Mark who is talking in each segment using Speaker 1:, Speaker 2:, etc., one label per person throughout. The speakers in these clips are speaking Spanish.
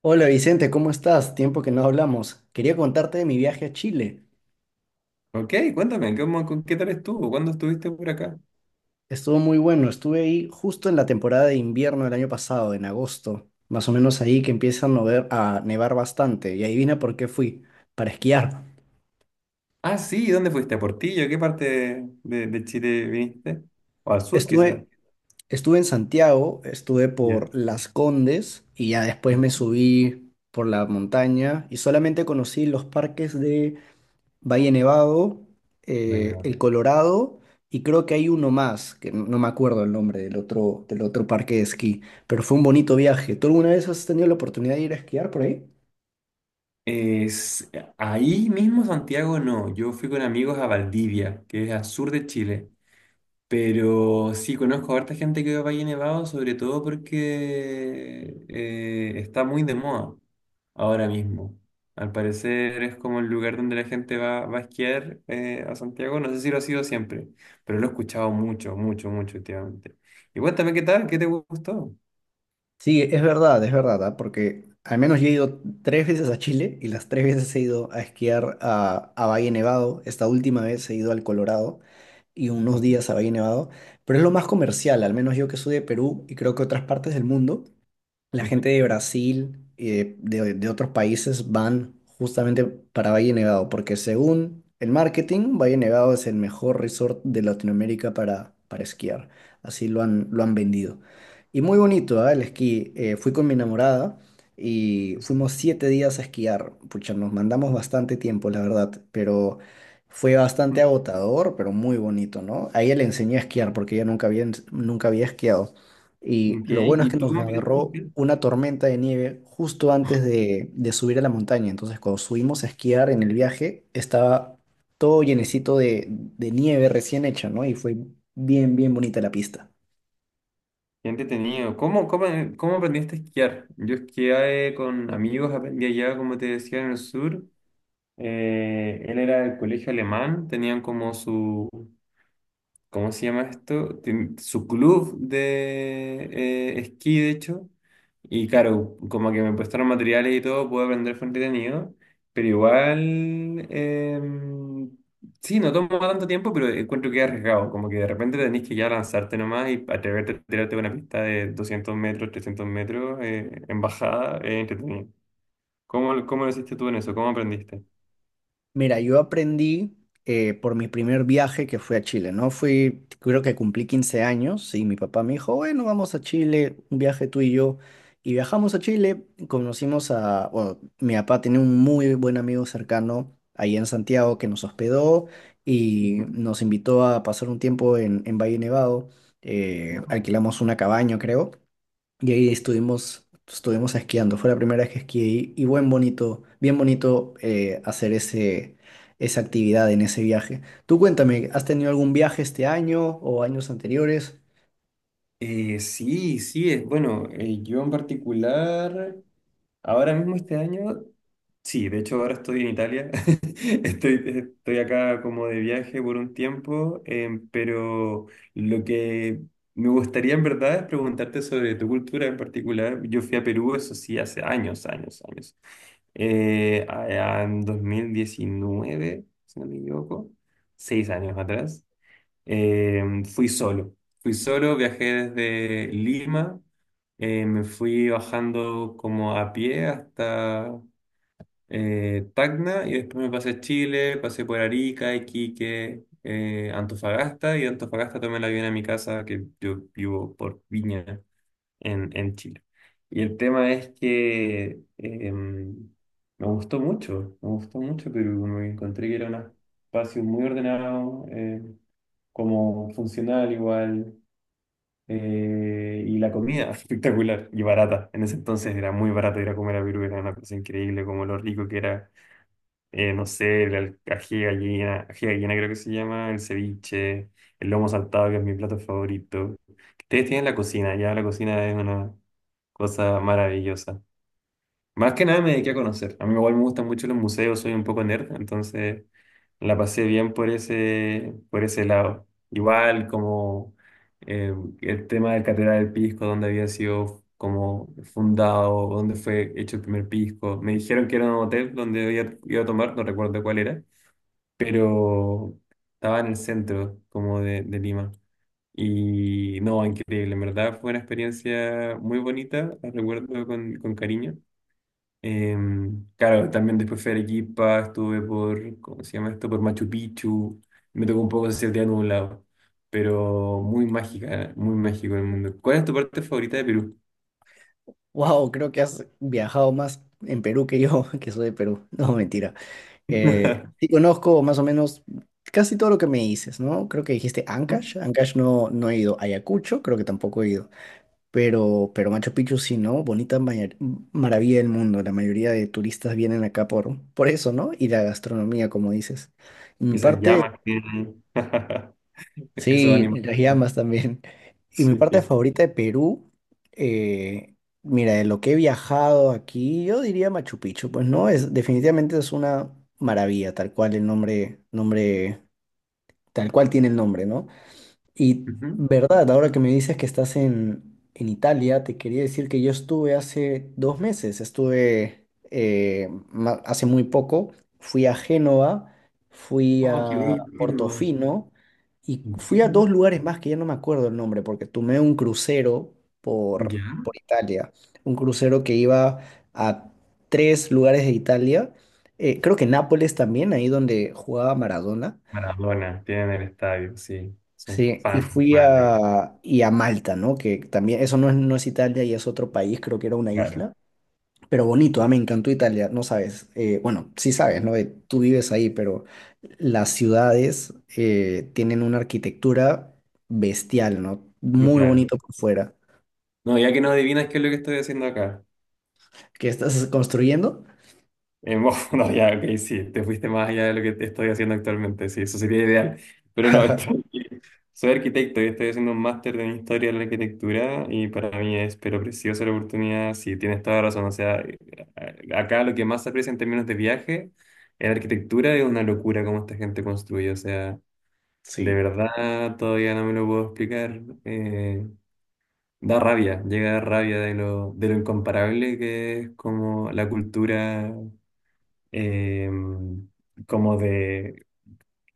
Speaker 1: Hola Vicente, ¿cómo estás? Tiempo que no hablamos. Quería contarte de mi viaje a Chile.
Speaker 2: Ok, cuéntame, qué tal estuvo? ¿Cuándo estuviste por acá?
Speaker 1: Estuvo muy bueno. Estuve ahí justo en la temporada de invierno del año pasado, en agosto, más o menos ahí que empieza a nevar bastante. Y adivina por qué fui, para esquiar.
Speaker 2: Ah, sí, ¿dónde fuiste? ¿A Portillo? ¿Qué parte Chile viniste? ¿O al sur, quizás?
Speaker 1: Estuve, estuve en Santiago, estuve
Speaker 2: Ya.
Speaker 1: por Las Condes y ya después me
Speaker 2: Ujú.
Speaker 1: subí por la montaña y solamente conocí los parques Valle Nevado,
Speaker 2: Bueno.
Speaker 1: el Colorado y creo que hay uno más, que no me acuerdo el nombre del otro parque de esquí, pero fue un bonito viaje. ¿Tú alguna vez has tenido la oportunidad de ir a esquiar por ahí?
Speaker 2: Es, Ahí mismo Santiago no, yo fui con amigos a Valdivia, que es al sur de Chile. Pero sí, conozco a harta gente que va a Valle Nevado, sobre todo porque está muy de moda ahora mismo. Al parecer es como el lugar donde la gente va a esquiar a Santiago. No sé si lo ha sido siempre, pero lo he escuchado mucho, mucho, mucho últimamente. Y cuéntame qué tal, qué te gustó.
Speaker 1: Sí, es verdad, ¿ah? Porque al menos yo he ido tres veces a Chile y las tres veces he ido a esquiar a Valle Nevado. Esta última vez he ido al Colorado y unos
Speaker 2: Okay.
Speaker 1: días a Valle Nevado, pero es lo más comercial, al menos yo que soy de Perú y creo que otras partes del mundo. La
Speaker 2: Ujú.
Speaker 1: gente de Brasil y de otros países van justamente para Valle Nevado, porque según el marketing, Valle Nevado es el mejor resort de Latinoamérica para esquiar. Así lo han vendido. Y muy bonito, ¿ah? El esquí. Fui con mi enamorada y fuimos 7 días a esquiar. Pucha, nos mandamos bastante tiempo, la verdad, pero fue bastante agotador, pero muy bonito, ¿no? A ella le enseñé a esquiar porque ella nunca había esquiado. Y
Speaker 2: Ok,
Speaker 1: lo bueno es
Speaker 2: ¿y
Speaker 1: que
Speaker 2: tú
Speaker 1: nos
Speaker 2: cómo aprendiste a
Speaker 1: agarró
Speaker 2: esquiar?
Speaker 1: una tormenta de nieve justo antes de subir a la montaña. Entonces, cuando subimos a esquiar en el viaje, estaba todo llenecito de nieve recién hecha, ¿no? Y fue bien, bien bonita la pista.
Speaker 2: Qué entretenido. ¿Cómo, cómo, cómo aprendiste a esquiar? Yo esquié con amigos, aprendí allá, como te decía, en el sur. Él era del colegio alemán, tenían como su, ¿cómo se llama esto? Su club de esquí, de hecho. Y claro, como que me prestaron materiales y todo, pude aprender, fue entretenido. Pero igual, sí, no toma tanto tiempo, pero encuentro que es arriesgado. Como que de repente tenés que ya lanzarte nomás y atreverte a tirarte una pista de 200 metros, 300 metros, en bajada, es entretenido. ¿Cómo, cómo lo hiciste tú en eso? ¿Cómo aprendiste?
Speaker 1: Mira, yo aprendí por mi primer viaje que fui a Chile, ¿no? Fui, creo que cumplí 15 años y mi papá me dijo, bueno, vamos a Chile, un viaje tú y yo. Y viajamos a Chile, conocimos a, bueno, mi papá tenía un muy buen amigo cercano ahí en Santiago que nos hospedó y nos invitó a pasar un tiempo en Valle Nevado.
Speaker 2: Ujú.
Speaker 1: Alquilamos una cabaña, creo. Y ahí estuvimos esquiando. Fue la primera vez que esquié y bien bonito hacer esa actividad en ese viaje. Tú cuéntame, ¿has tenido algún viaje este año o años anteriores?
Speaker 2: Sí, sí, es bueno. Yo en particular, ahora mismo este año, sí, de hecho ahora estoy en Italia. Estoy acá como de viaje por un tiempo, pero lo que me gustaría en verdad es preguntarte sobre tu cultura en particular. Yo fui a Perú, eso sí, hace años, años, años. Allá en 2019, si no me equivoco, 6 años atrás. Fui solo. Fui solo, viajé desde Lima, me fui bajando como a pie hasta Tacna, y después me pasé a Chile, pasé por Arica, Iquique, Antofagasta, y de Antofagasta tomé el avión a mi casa, que yo vivo por Viña en Chile. Y el tema es que me gustó mucho, pero me encontré que era un espacio muy ordenado. Como funcional igual, y la comida espectacular y barata. En ese entonces era muy barato ir a comer a Perú, era una cosa increíble, como lo rico que era, no sé, la ají de gallina creo que se llama, el ceviche, el lomo saltado, que es mi plato favorito. Ustedes tienen la cocina, ya la cocina es una cosa maravillosa. Más que nada me dediqué a conocer. A mí igual me gustan mucho los museos, soy un poco nerd, entonces la pasé bien por ese lado. Igual como eh, el tema del Catedral del Pisco, donde había sido como fundado, donde fue hecho el primer pisco. Me dijeron que era un hotel donde iba, iba a tomar, no recuerdo cuál era, pero estaba en el centro como de Lima. Y no, increíble, en verdad fue una experiencia muy bonita, la recuerdo con cariño. Claro, también después fui a Arequipa, estuve por, ¿cómo se llama esto? Por Machu Picchu. Me tocó un poco ese día nublado, pero muy mágica, ¿eh? Muy mágico el mundo. ¿Cuál es tu parte favorita de Perú?
Speaker 1: Wow, creo que has viajado más en Perú que yo, que soy de Perú. No, mentira. Sí conozco más o menos casi todo lo que me dices, ¿no? Creo que dijiste Ancash.
Speaker 2: ¿Mm?
Speaker 1: Ancash no, no he ido. Ayacucho, creo que tampoco he ido. Pero Machu Picchu sí, ¿no? Bonita maravilla del mundo. La mayoría de turistas vienen acá por eso, ¿no? Y la gastronomía, como dices. Y
Speaker 2: Y
Speaker 1: mi
Speaker 2: esas
Speaker 1: parte,
Speaker 2: llamas que tienen. Esos
Speaker 1: sí, y
Speaker 2: animales.
Speaker 1: las llamas también. Y mi parte
Speaker 2: Sí.
Speaker 1: favorita de Perú, eh, mira, de lo que he viajado aquí, yo diría Machu Picchu. Pues no, es, definitivamente es una maravilla, tal cual el nombre, nombre, tal cual tiene el nombre, ¿no? Y
Speaker 2: Ujú.
Speaker 1: verdad, ahora que me dices que estás en Italia, te quería decir que yo estuve hace 2 meses, hace muy poco, fui a Génova, fui
Speaker 2: Oh, qué
Speaker 1: a
Speaker 2: bello. Qué lindo.
Speaker 1: Portofino y
Speaker 2: ¿En
Speaker 1: fui
Speaker 2: qué,
Speaker 1: a dos
Speaker 2: no?
Speaker 1: lugares más que ya no me acuerdo el nombre, porque tomé un crucero por,
Speaker 2: ¿Ya?
Speaker 1: por Italia, un crucero que iba a tres lugares de Italia, creo que Nápoles también, ahí donde jugaba Maradona.
Speaker 2: Maradona, tienen el estadio, sí. Son
Speaker 1: Sí, y
Speaker 2: fans,
Speaker 1: fui
Speaker 2: madre mía.
Speaker 1: y a Malta, ¿no? Que también, eso no es Italia y es otro país, creo que era una
Speaker 2: Claro,
Speaker 1: isla, pero bonito, ah, me encantó Italia, no sabes, bueno, sí sabes, ¿no? Tú vives ahí, pero las ciudades tienen una arquitectura bestial, ¿no? Muy
Speaker 2: brutal.
Speaker 1: bonito por fuera.
Speaker 2: No, ya que no adivinas qué es lo que estoy haciendo acá.
Speaker 1: ¿Qué estás construyendo?
Speaker 2: Bueno, no, ya, ok, sí, te fuiste más allá de lo que te estoy haciendo actualmente, sí, eso sería ideal. Pero no, soy arquitecto y estoy haciendo un máster en historia de la arquitectura y para mí es, pero preciosa la oportunidad, sí, tienes toda razón. O sea, acá lo que más se aprecia en términos de viaje en arquitectura es una locura cómo esta gente construye, o sea, de
Speaker 1: Sí.
Speaker 2: verdad todavía no me lo puedo explicar. Da rabia, llega a dar rabia de lo incomparable que es como la cultura eh, como de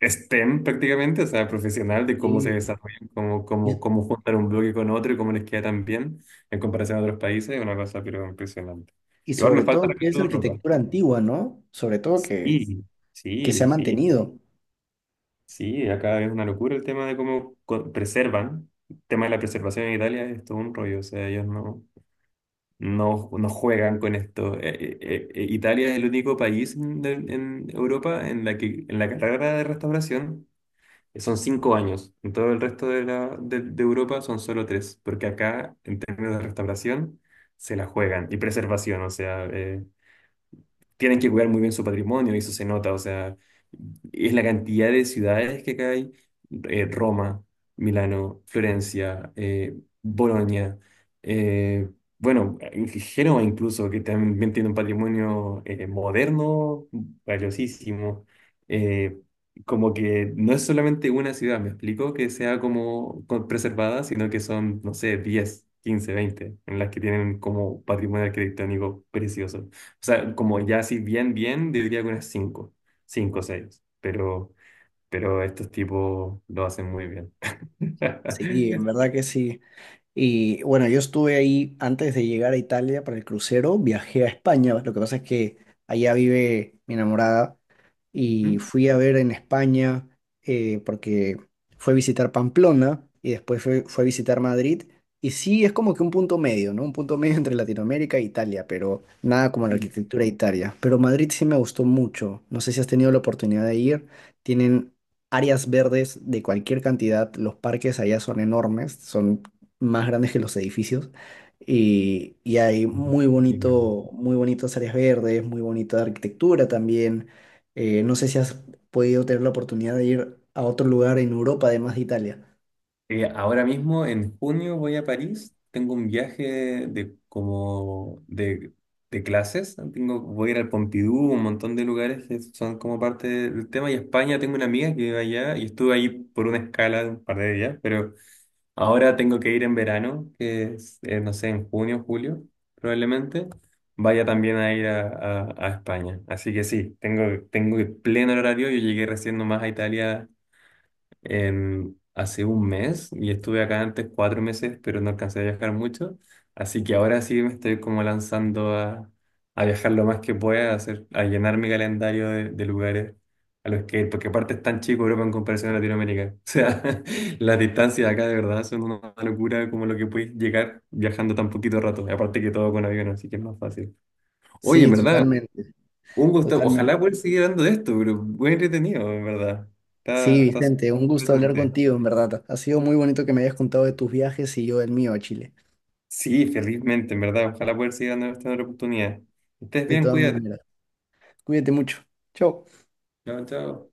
Speaker 2: STEM prácticamente, o sea, profesional, de cómo se
Speaker 1: Sí.
Speaker 2: desarrollan, cómo,
Speaker 1: Y,
Speaker 2: cómo, cómo juntar un bloque con otro y cómo les queda tan bien en comparación a otros países, es una cosa pero impresionante.
Speaker 1: y
Speaker 2: Igual me
Speaker 1: sobre
Speaker 2: falta
Speaker 1: todo que es
Speaker 2: recorrer ropa.
Speaker 1: arquitectura antigua, ¿no? Sobre todo que,
Speaker 2: Sí,
Speaker 1: que se ha
Speaker 2: sí, sí,
Speaker 1: mantenido.
Speaker 2: sí, acá es una locura el tema de preservan. El tema de la preservación en Italia es todo un rollo, o sea, ellos no, no, no juegan con esto. Italia es el único país en Europa en la que en la carrera de restauración son 5 años. En todo el resto de Europa son solo tres, porque acá, en términos de restauración, se la juegan. Y preservación, o sea, tienen que cuidar muy bien su patrimonio y eso se nota, o sea, es la cantidad de ciudades que acá hay, Roma, Milano, Florencia, Bolonia, eh, bueno, en Génova incluso, que también tiene un patrimonio moderno valiosísimo, eh, como que no es solamente una ciudad, me explico, que sea como preservada, sino que son, no sé, 10, 15, 20 en las que tienen como patrimonio arquitectónico precioso. O sea, como ya así bien, bien, diría que unas cinco, cinco o seis, pero estos tipos lo hacen muy bien.
Speaker 1: Sí, en verdad que sí. Y bueno, yo estuve ahí antes de llegar a Italia para el crucero, viajé a España, lo que pasa es que allá vive mi enamorada y fui a ver en España porque fue a visitar Pamplona y después fue a visitar Madrid. Y sí, es como que un punto medio, ¿no? Un punto medio entre Latinoamérica e Italia, pero nada como la arquitectura de Italia. Pero Madrid sí me gustó mucho. No sé si has tenido la oportunidad de ir. Tienen áreas verdes de cualquier cantidad. Los parques allá son enormes, son más grandes que los edificios. Y hay muy
Speaker 2: Ujú.
Speaker 1: bonito, muy bonitas áreas verdes, muy bonita arquitectura también. No sé si has podido tener la oportunidad de ir a otro lugar en Europa, además de Italia.
Speaker 2: Ahora mismo, en junio, voy a París. Tengo un viaje de como de clases. Voy a ir al Pompidou, un montón de lugares que son como parte del tema. Y España, tengo una amiga que vive allá y estuve ahí por una escala de un par de días, pero ahora tengo que ir en verano, que es, no sé, en junio, julio, probablemente. Vaya también a ir a España. Así que sí, tengo pleno horario. Yo llegué recién nomás a Italia hace un mes y estuve acá antes 4 meses, pero no alcancé a viajar mucho. Así que ahora sí me estoy como lanzando a viajar lo más que pueda, a, hacer, a llenar mi calendario de lugares a los que, porque aparte es tan chico Europa en comparación a Latinoamérica. O sea, las distancias acá de verdad son una locura como lo que puedes llegar viajando tan poquito rato. Y aparte que todo con avión, así que es más fácil. Oye, en
Speaker 1: Sí,
Speaker 2: verdad,
Speaker 1: totalmente,
Speaker 2: un gusto.
Speaker 1: totalmente.
Speaker 2: Ojalá poder seguir hablando de esto, pero muy entretenido, en verdad.
Speaker 1: Sí,
Speaker 2: Está súper
Speaker 1: Vicente, un gusto hablar
Speaker 2: interesante.
Speaker 1: contigo, en verdad. Ha sido muy bonito que me hayas contado de tus viajes y yo del mío a Chile.
Speaker 2: Sí, felizmente, en verdad. Ojalá poder seguir dando esta otra oportunidad. Estés
Speaker 1: De
Speaker 2: bien,
Speaker 1: todas
Speaker 2: cuídate.
Speaker 1: maneras, cuídate mucho. Chao.
Speaker 2: Chao, chao.